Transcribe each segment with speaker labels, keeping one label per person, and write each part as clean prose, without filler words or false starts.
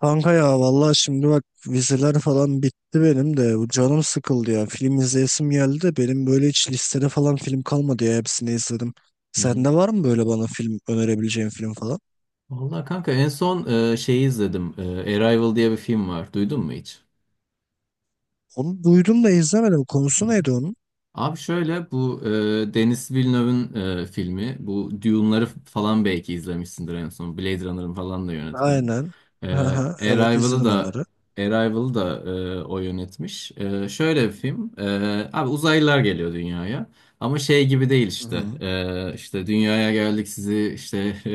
Speaker 1: Kanka ya vallahi şimdi bak vizeler falan bitti benim de bu canım sıkıldı ya film izleyesim geldi de benim böyle hiç listede falan film kalmadı ya hepsini izledim.
Speaker 2: Hı hı.
Speaker 1: Sende var mı böyle bana film önerebileceğin film falan?
Speaker 2: Vallahi kanka en son şeyi izledim. Arrival diye bir film var. Duydun mu hiç?
Speaker 1: Onu duydum da izlemedim, konusu neydi onun?
Speaker 2: Abi şöyle bu Denis Villeneuve'ın filmi. Bu Dune'ları falan belki izlemişsindir en son. Blade Runner'ın falan da yönetmeni.
Speaker 1: Aynen.
Speaker 2: E,
Speaker 1: Aha, evet
Speaker 2: Arrival'ı
Speaker 1: izledim
Speaker 2: da
Speaker 1: onları.
Speaker 2: Arrival'ı da o yönetmiş. Şöyle bir film. Abi uzaylılar geliyor dünyaya. Ama şey gibi değil işte.
Speaker 1: Hı.
Speaker 2: İşte dünyaya geldik sizi işte e,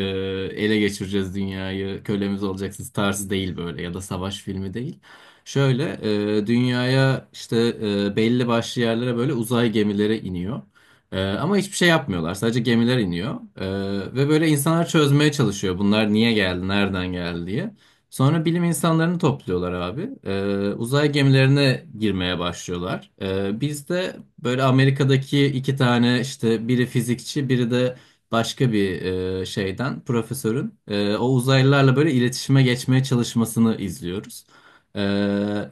Speaker 2: ele geçireceğiz dünyayı. Kölemiz olacaksınız tarzı değil böyle ya da savaş filmi değil. Şöyle dünyaya işte belli başlı yerlere böyle uzay gemileri iniyor. Ama hiçbir şey yapmıyorlar. Sadece gemiler iniyor. Ve böyle insanlar çözmeye çalışıyor. Bunlar niye geldi, nereden geldi diye. Sonra bilim insanlarını topluyorlar abi. Uzay gemilerine girmeye başlıyorlar. Biz de böyle Amerika'daki iki tane işte biri fizikçi, biri de başka bir şeyden profesörün o uzaylılarla böyle iletişime geçmeye çalışmasını izliyoruz.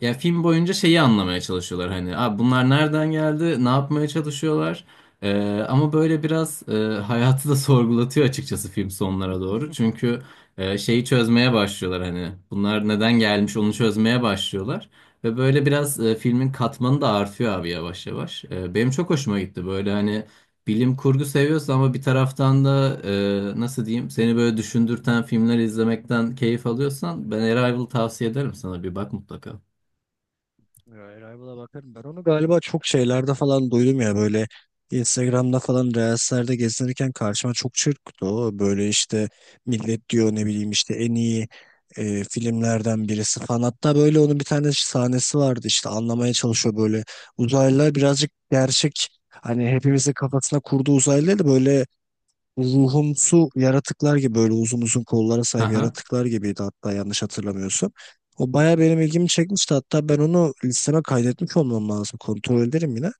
Speaker 2: Ya film boyunca şeyi anlamaya çalışıyorlar hani abi, bunlar nereden geldi, ne yapmaya çalışıyorlar. Ama böyle biraz hayatı da sorgulatıyor açıkçası film sonlara doğru, çünkü şeyi çözmeye başlıyorlar, hani bunlar neden gelmiş onu çözmeye başlıyorlar ve böyle biraz filmin katmanı da artıyor abi yavaş yavaş. Benim çok hoşuma gitti böyle, hani bilim kurgu seviyorsun ama bir taraftan da nasıl diyeyim, seni böyle düşündürten filmler izlemekten keyif alıyorsan ben Arrival tavsiye ederim, sana bir bak mutlaka.
Speaker 1: Rival'a bakarım. Ben onu galiba çok şeylerde falan duydum ya, böyle Instagram'da falan Reels'lerde gezinirken karşıma çok çırptı o. Böyle işte millet diyor, ne bileyim işte en iyi filmlerden birisi falan. Hatta böyle onun bir tane sahnesi vardı, işte anlamaya çalışıyor böyle. Uzaylılar birazcık gerçek, hani hepimizin kafasına kurduğu uzaylılar da böyle ruhumsu yaratıklar gibi, böyle uzun uzun kollara sahip
Speaker 2: Aha.
Speaker 1: yaratıklar gibiydi, hatta yanlış hatırlamıyorsam. O baya benim ilgimi çekmişti, hatta ben onu listeme kaydetmiş olmam lazım, kontrol ederim yine.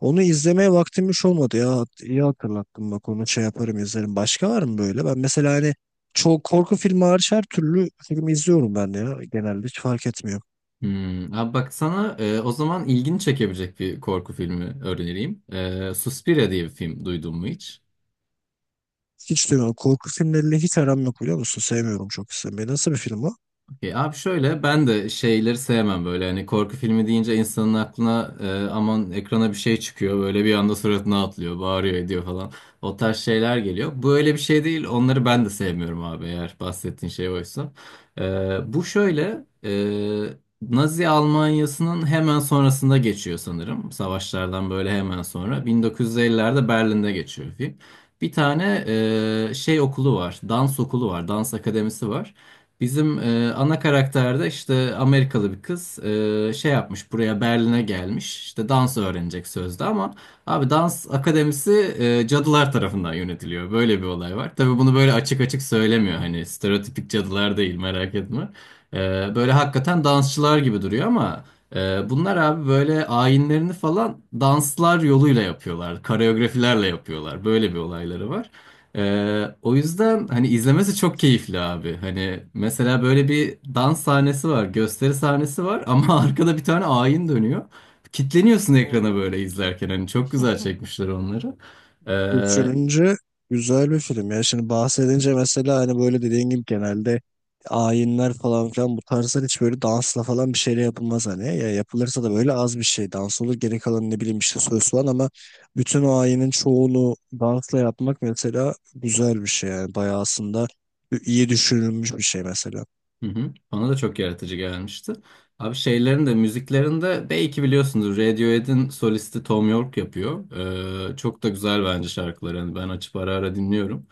Speaker 1: Onu izlemeye vaktim hiç olmadı ya, iyi hatırlattın bak, onu şey yaparım izlerim. Başka var mı böyle? Ben mesela hani çok, korku filmi hariç her türlü film izliyorum ben de ya, genelde hiç fark etmiyor.
Speaker 2: Hmm. Abi bak sana o zaman ilgini çekebilecek bir korku filmi önereyim. Suspiria diye bir film duydun mu hiç?
Speaker 1: Hiç duymuyorum. Korku filmleriyle hiç aram yok biliyor musun? Sevmiyorum çok izlemeyi. Nasıl bir film o?
Speaker 2: Okey. Abi şöyle ben de şeyleri sevmem, böyle hani korku filmi deyince insanın aklına aman ekrana bir şey çıkıyor böyle bir anda suratına atlıyor bağırıyor ediyor falan, o tarz şeyler geliyor. Bu öyle bir şey değil, onları ben de sevmiyorum abi, eğer bahsettiğin şey oysa. E, Bu şöyle Nazi Almanya'sının hemen sonrasında geçiyor sanırım, savaşlardan böyle hemen sonra 1950'lerde Berlin'de geçiyor film. Bir tane
Speaker 1: Hı
Speaker 2: şey okulu var, dans okulu var, dans akademisi var. Bizim ana karakterde işte Amerikalı bir kız şey yapmış, buraya Berlin'e gelmiş işte dans öğrenecek sözde, ama abi dans akademisi cadılar tarafından yönetiliyor, böyle bir olay var. Tabii bunu böyle açık açık söylemiyor, hani stereotipik cadılar değil, merak etme. E, Böyle
Speaker 1: hı.
Speaker 2: hakikaten dansçılar gibi duruyor ama bunlar abi böyle ayinlerini falan danslar yoluyla yapıyorlar, koreografilerle yapıyorlar, böyle bir olayları var. O yüzden hani izlemesi çok
Speaker 1: Garipmiş.
Speaker 2: keyifli abi. Hani mesela böyle bir dans sahnesi var, gösteri sahnesi var ama arkada bir tane ayin dönüyor. Kitleniyorsun
Speaker 1: Allah
Speaker 2: ekrana böyle
Speaker 1: Allah.
Speaker 2: izlerken, hani çok güzel çekmişler onları. Ee,
Speaker 1: Düşününce güzel bir film. Yani şimdi bahsedince mesela hani böyle, dediğin gibi genelde ayinler falan filan, bu tarzlar hiç böyle dansla falan bir şeyle yapılmaz hani. Ya yapılırsa da böyle az bir şey dans olur. Geri kalan ne bileyim işte söz falan, ama bütün o ayinin çoğunu dansla yapmak mesela güzel bir şey yani. Bayağı aslında iyi düşünülmüş bir şey mesela.
Speaker 2: Hı hı. Bana da çok yaratıcı gelmişti. Abi şeylerin de, müziklerin de belki biliyorsunuz, Radiohead'in solisti Thom Yorke yapıyor. Çok da güzel bence şarkıları. Hani ben açıp ara ara dinliyorum.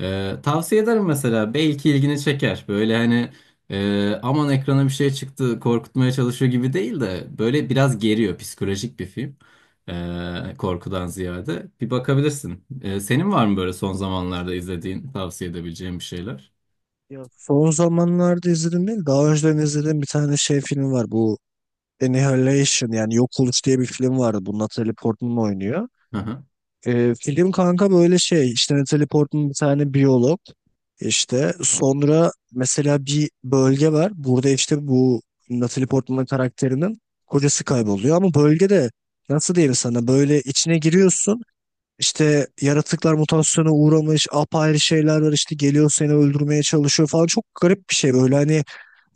Speaker 2: Tavsiye ederim mesela. Belki ilgini çeker. Böyle hani aman ekrana bir şey çıktı korkutmaya çalışıyor gibi değil de, böyle biraz geriyor. Psikolojik bir film. Korkudan ziyade. Bir bakabilirsin. Senin var mı böyle son
Speaker 1: Bunları
Speaker 2: zamanlarda
Speaker 1: izliyorum.
Speaker 2: izlediğin, tavsiye edebileceğin bir şeyler?
Speaker 1: Ya son zamanlarda izledim değil, daha önceden izlediğim bir tane şey film var, bu Annihilation yani Yok Oluş diye bir film vardı. Bu Natalie Portman oynuyor.
Speaker 2: Hı hı.
Speaker 1: Film kanka böyle şey, işte Natalie Portman bir tane biyolog. İşte sonra mesela bir bölge var. Burada işte bu Natalie Portman karakterinin kocası kayboluyor. Ama bölgede nasıl diyeyim sana, böyle içine giriyorsun. İşte yaratıklar mutasyona uğramış, apayrı şeyler var, işte geliyor seni öldürmeye çalışıyor falan. Çok garip bir şey böyle, hani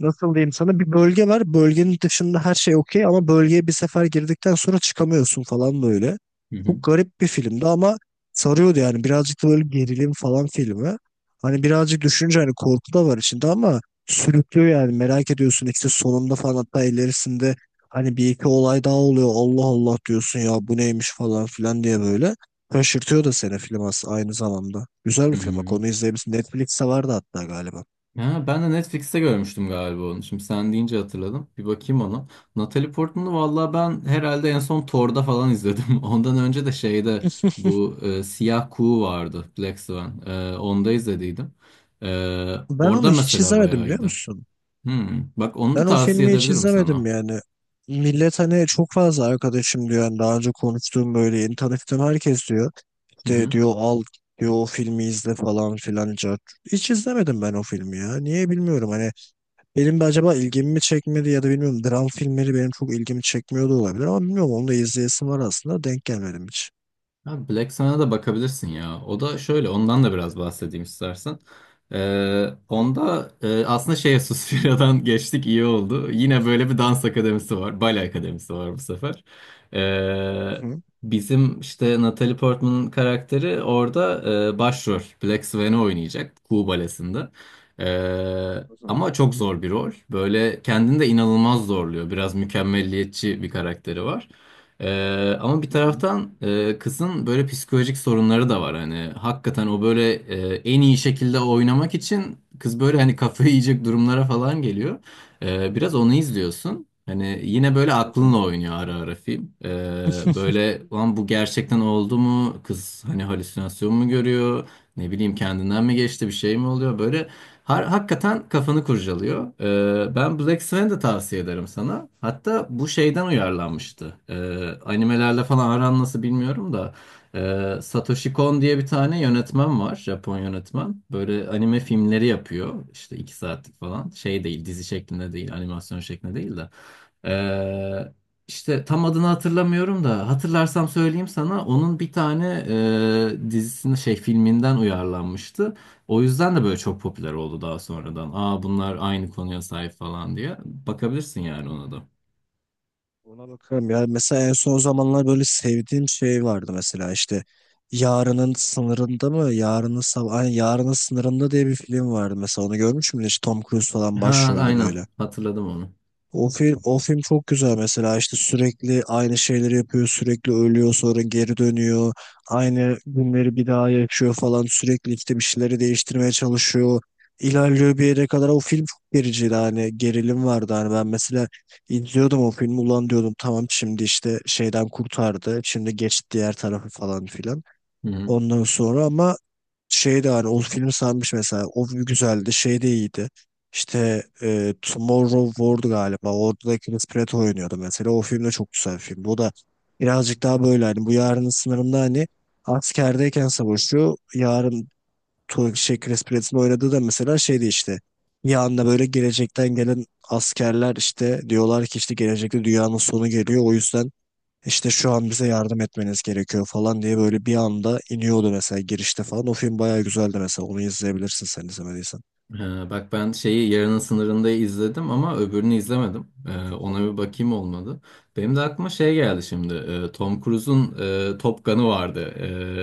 Speaker 1: nasıl diyeyim sana, bir bölge var. Bölgenin dışında her şey okey, ama bölgeye bir sefer girdikten sonra çıkamıyorsun falan böyle.
Speaker 2: Hı hı.
Speaker 1: Çok garip bir filmdi ama sarıyordu yani. Birazcık da böyle gerilim falan filmi. Hani birazcık düşününce hani korku da var içinde, ama sürüklüyor yani. Merak ediyorsun işte sonunda falan, hatta ilerisinde hani bir iki olay daha oluyor. Allah Allah diyorsun, ya bu neymiş falan filan diye böyle. Şaşırtıyor da seni film aynı zamanda. Güzel bir film. Bak onu
Speaker 2: Hmm.
Speaker 1: izleyebilirsin. Netflix'te vardı hatta galiba.
Speaker 2: Ha, ben de Netflix'te görmüştüm galiba onu. Şimdi sen deyince hatırladım. Bir bakayım ona. Natalie Portman'ı valla ben herhalde en son Thor'da falan izledim. Ondan önce de şeyde bu Siyah Kuğu vardı. Black Swan. Onda izlediydim.
Speaker 1: Ben
Speaker 2: Orada
Speaker 1: onu hiç
Speaker 2: mesela
Speaker 1: izlemedim
Speaker 2: bayağı
Speaker 1: biliyor
Speaker 2: iyiydi.
Speaker 1: musun?
Speaker 2: Hmm. Bak onu da
Speaker 1: Ben o
Speaker 2: tavsiye
Speaker 1: filmi hiç
Speaker 2: edebilirim sana.
Speaker 1: izlemedim yani. Millet hani, çok fazla arkadaşım diyor. Yani daha önce konuştuğum, böyle yeni tanıştığım herkes diyor. İşte diyor al, diyor o filmi izle falan filan. Cart. Hiç izlemedim ben o filmi ya. Niye bilmiyorum, hani benim de acaba ilgimi mi çekmedi, ya da bilmiyorum. Dram filmleri benim çok ilgimi çekmiyor da olabilir, ama bilmiyorum, onu da izleyesim var aslında. Denk gelmedim hiç.
Speaker 2: Abi Black Sun'a da bakabilirsin ya. O da şöyle, ondan da biraz bahsedeyim istersen.
Speaker 1: Hı
Speaker 2: Onda aslında şey Suspiria'dan geçtik iyi oldu. Yine böyle bir dans akademisi var. Bale akademisi var bu sefer. Ee,
Speaker 1: hı,
Speaker 2: Bizim işte Natalie Portman'ın karakteri orada başrol. Black Swan'ı oynayacak. Kuğu Balesi'nde.
Speaker 1: hı hı,
Speaker 2: Ama çok zor bir rol. Böyle kendini de inanılmaz zorluyor. Biraz mükemmelliyetçi bir karakteri var. Ama bir
Speaker 1: hı hı,
Speaker 2: taraftan kızın böyle psikolojik sorunları da var. Hani hakikaten o böyle en iyi şekilde oynamak için kız böyle hani kafayı yiyecek durumlara falan geliyor. Biraz onu izliyorsun. Hani yine böyle
Speaker 1: hı
Speaker 2: aklınla oynuyor ara ara film. Böyle lan bu gerçekten oldu mu? Kız hani halüsinasyon mu görüyor? Ne bileyim kendinden mi geçti, bir şey mi oluyor? Böyle hakikaten kafanı kurcalıyor. Ben Black Swan'ı da tavsiye ederim sana. Hatta bu şeyden
Speaker 1: hı,
Speaker 2: uyarlanmıştı. Animelerle falan aran nasıl bilmiyorum da. Satoshi
Speaker 1: hı.
Speaker 2: Kon diye bir tane yönetmen var. Japon yönetmen. Böyle anime filmleri yapıyor. İşte iki saatlik falan. Şey değil, dizi şeklinde değil, animasyon şeklinde değil de. Ee, işte tam adını hatırlamıyorum da, hatırlarsam söyleyeyim sana. Onun bir tane dizisinin şey filminden uyarlanmıştı. O yüzden de böyle çok popüler oldu daha sonradan. Aa, bunlar aynı konuya sahip falan diye. Bakabilirsin yani ona da.
Speaker 1: Ona bakarım ya. Mesela en son zamanlar böyle sevdiğim şey vardı mesela, işte Yarının Sınırında mı? Yarının Sabah, Ay, Yarının Sınırında diye bir film vardı mesela. Onu görmüş müydün? İşte Tom Cruise falan
Speaker 2: Ha,
Speaker 1: başrolde
Speaker 2: aynen
Speaker 1: böyle.
Speaker 2: hatırladım onu.
Speaker 1: O film, o film çok güzel mesela, işte sürekli aynı şeyleri yapıyor, sürekli ölüyor sonra geri dönüyor, aynı günleri bir daha yaşıyor falan, sürekli işte bir şeyleri değiştirmeye çalışıyor, ilerliyor bir yere kadar. O film çok gericiydi hani, gerilim vardı hani. Ben mesela izliyordum o filmi, ulan diyordum tamam şimdi işte şeyden kurtardı, şimdi geç diğer tarafı falan filan,
Speaker 2: Hı hı.
Speaker 1: ondan sonra. Ama şey de hani o filmi sanmış mesela. O güzeldi. Şey de iyiydi. İşte Tomorrow War galiba. Orada da Chris Pratt oynuyordu mesela. O film de çok güzel bir filmdi. O da birazcık daha böyle hani, bu Yarının Sınırında hani askerdeyken savaşıyor. Chris Pratt'in oynadığı da mesela şeydi işte. Bir anda böyle gelecekten gelen askerler, işte diyorlar ki işte gelecekte dünyanın sonu geliyor. O yüzden işte şu an bize yardım etmeniz gerekiyor falan diye, böyle bir anda iniyordu mesela girişte falan. O film bayağı güzeldi mesela. Onu izleyebilirsin sen izlemediysen.
Speaker 2: Bak ben şeyi Yarının Sınırında izledim ama öbürünü izlemedim. Ona bir bakayım, olmadı. Benim de aklıma şey geldi şimdi. Tom Cruise'un Top Gun'ı vardı.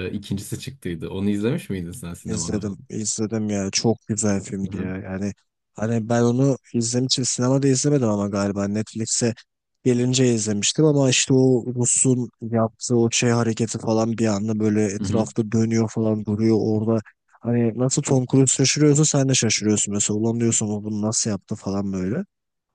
Speaker 2: İkincisi çıktıydı. Onu izlemiş miydin sen sinemada
Speaker 1: İzledim,
Speaker 2: falan?
Speaker 1: izledim ya. Çok güzel
Speaker 2: Hı
Speaker 1: filmdi
Speaker 2: hı.
Speaker 1: ya. Yani hani ben onu izlemek için sinemada izlemedim ama galiba Netflix'e gelince izlemiştim, ama işte o Rus'un yaptığı o şey hareketi falan, bir anda böyle
Speaker 2: Hı hı.
Speaker 1: etrafta dönüyor falan, duruyor orada. Hani nasıl Tom Cruise şaşırıyorsa sen de şaşırıyorsun mesela. Ulan diyorsun o bunu nasıl yaptı falan böyle.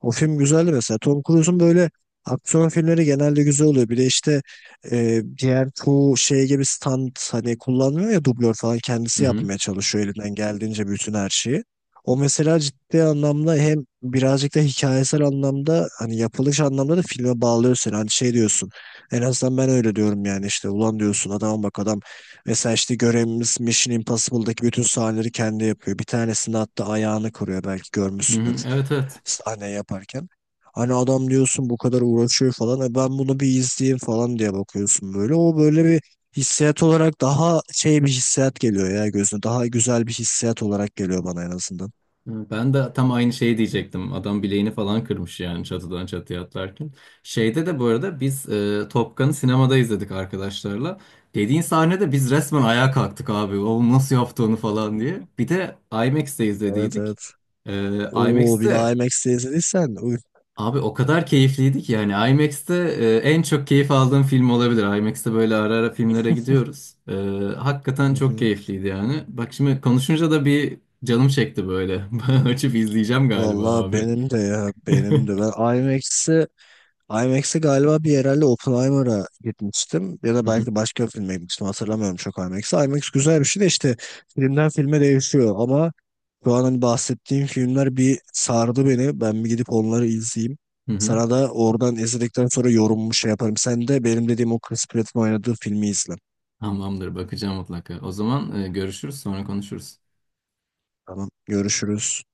Speaker 1: O film güzeldi mesela. Tom Cruise'un böyle aksiyon filmleri genelde güzel oluyor. Bir de işte diğer çoğu şey gibi stand hani kullanmıyor ya, dublör falan,
Speaker 2: Hı
Speaker 1: kendisi
Speaker 2: hı.
Speaker 1: yapmaya çalışıyor elinden geldiğince bütün her şeyi. O mesela ciddi anlamda hem birazcık da hikayesel anlamda, hani yapılış anlamda da filme bağlıyor seni. Hani şey diyorsun, en azından ben öyle diyorum yani, işte ulan diyorsun adama, bak adam mesela işte görevimiz Mission Impossible'daki bütün sahneleri kendi yapıyor. Bir tanesini hatta ayağını kırıyor, belki
Speaker 2: Hı hı.
Speaker 1: görmüşsündür
Speaker 2: Evet, evet.
Speaker 1: sahne yaparken. Hani adam diyorsun bu kadar uğraşıyor falan. E ben bunu bir izleyeyim falan diye bakıyorsun böyle. O böyle bir hissiyat olarak daha şey bir hissiyat geliyor ya gözüne. Daha güzel bir hissiyat olarak geliyor bana en azından.
Speaker 2: Ben de tam aynı şeyi diyecektim. Adam bileğini falan kırmış yani, çatıdan çatıya atlarken. Şeyde de bu arada biz Top Gun'ı sinemada izledik arkadaşlarla. Dediğin sahnede biz resmen ayağa kalktık abi. O nasıl yaptı onu falan diye. Bir de IMAX'te
Speaker 1: Evet
Speaker 2: izlediydik.
Speaker 1: evet.
Speaker 2: E,
Speaker 1: Oo bir de
Speaker 2: IMAX'te,
Speaker 1: IMAX'te izlediysen. Uy.
Speaker 2: abi, o kadar keyifliydi ki yani, IMAX'te en çok keyif aldığım film olabilir. IMAX'te böyle ara ara filmlere gidiyoruz. Hakikaten
Speaker 1: Hı
Speaker 2: çok
Speaker 1: hı.
Speaker 2: keyifliydi yani. Bak şimdi konuşunca da bir canım çekti böyle. Açıp izleyeceğim galiba
Speaker 1: Vallahi
Speaker 2: abi.
Speaker 1: benim de ya, benim de. Ben IMAX'i IMAX'e galiba bir, herhalde Oppenheimer'a gitmiştim ya da
Speaker 2: Hı hı,
Speaker 1: belki başka bir filme gitmiştim, hatırlamıyorum çok IMAX'e. IMAX güzel bir şey de işte filmden filme değişiyor, ama şu an hani bahsettiğim filmler bir sardı beni. Ben bir gidip onları izleyeyim.
Speaker 2: hı hı.
Speaker 1: Sana da oradan izledikten sonra yorumumu şey yaparım. Sen de benim dediğim o Chris Pratt'ın oynadığı filmi izle.
Speaker 2: Tamamdır, bakacağım mutlaka. O zaman görüşürüz, sonra konuşuruz.
Speaker 1: Tamam, görüşürüz.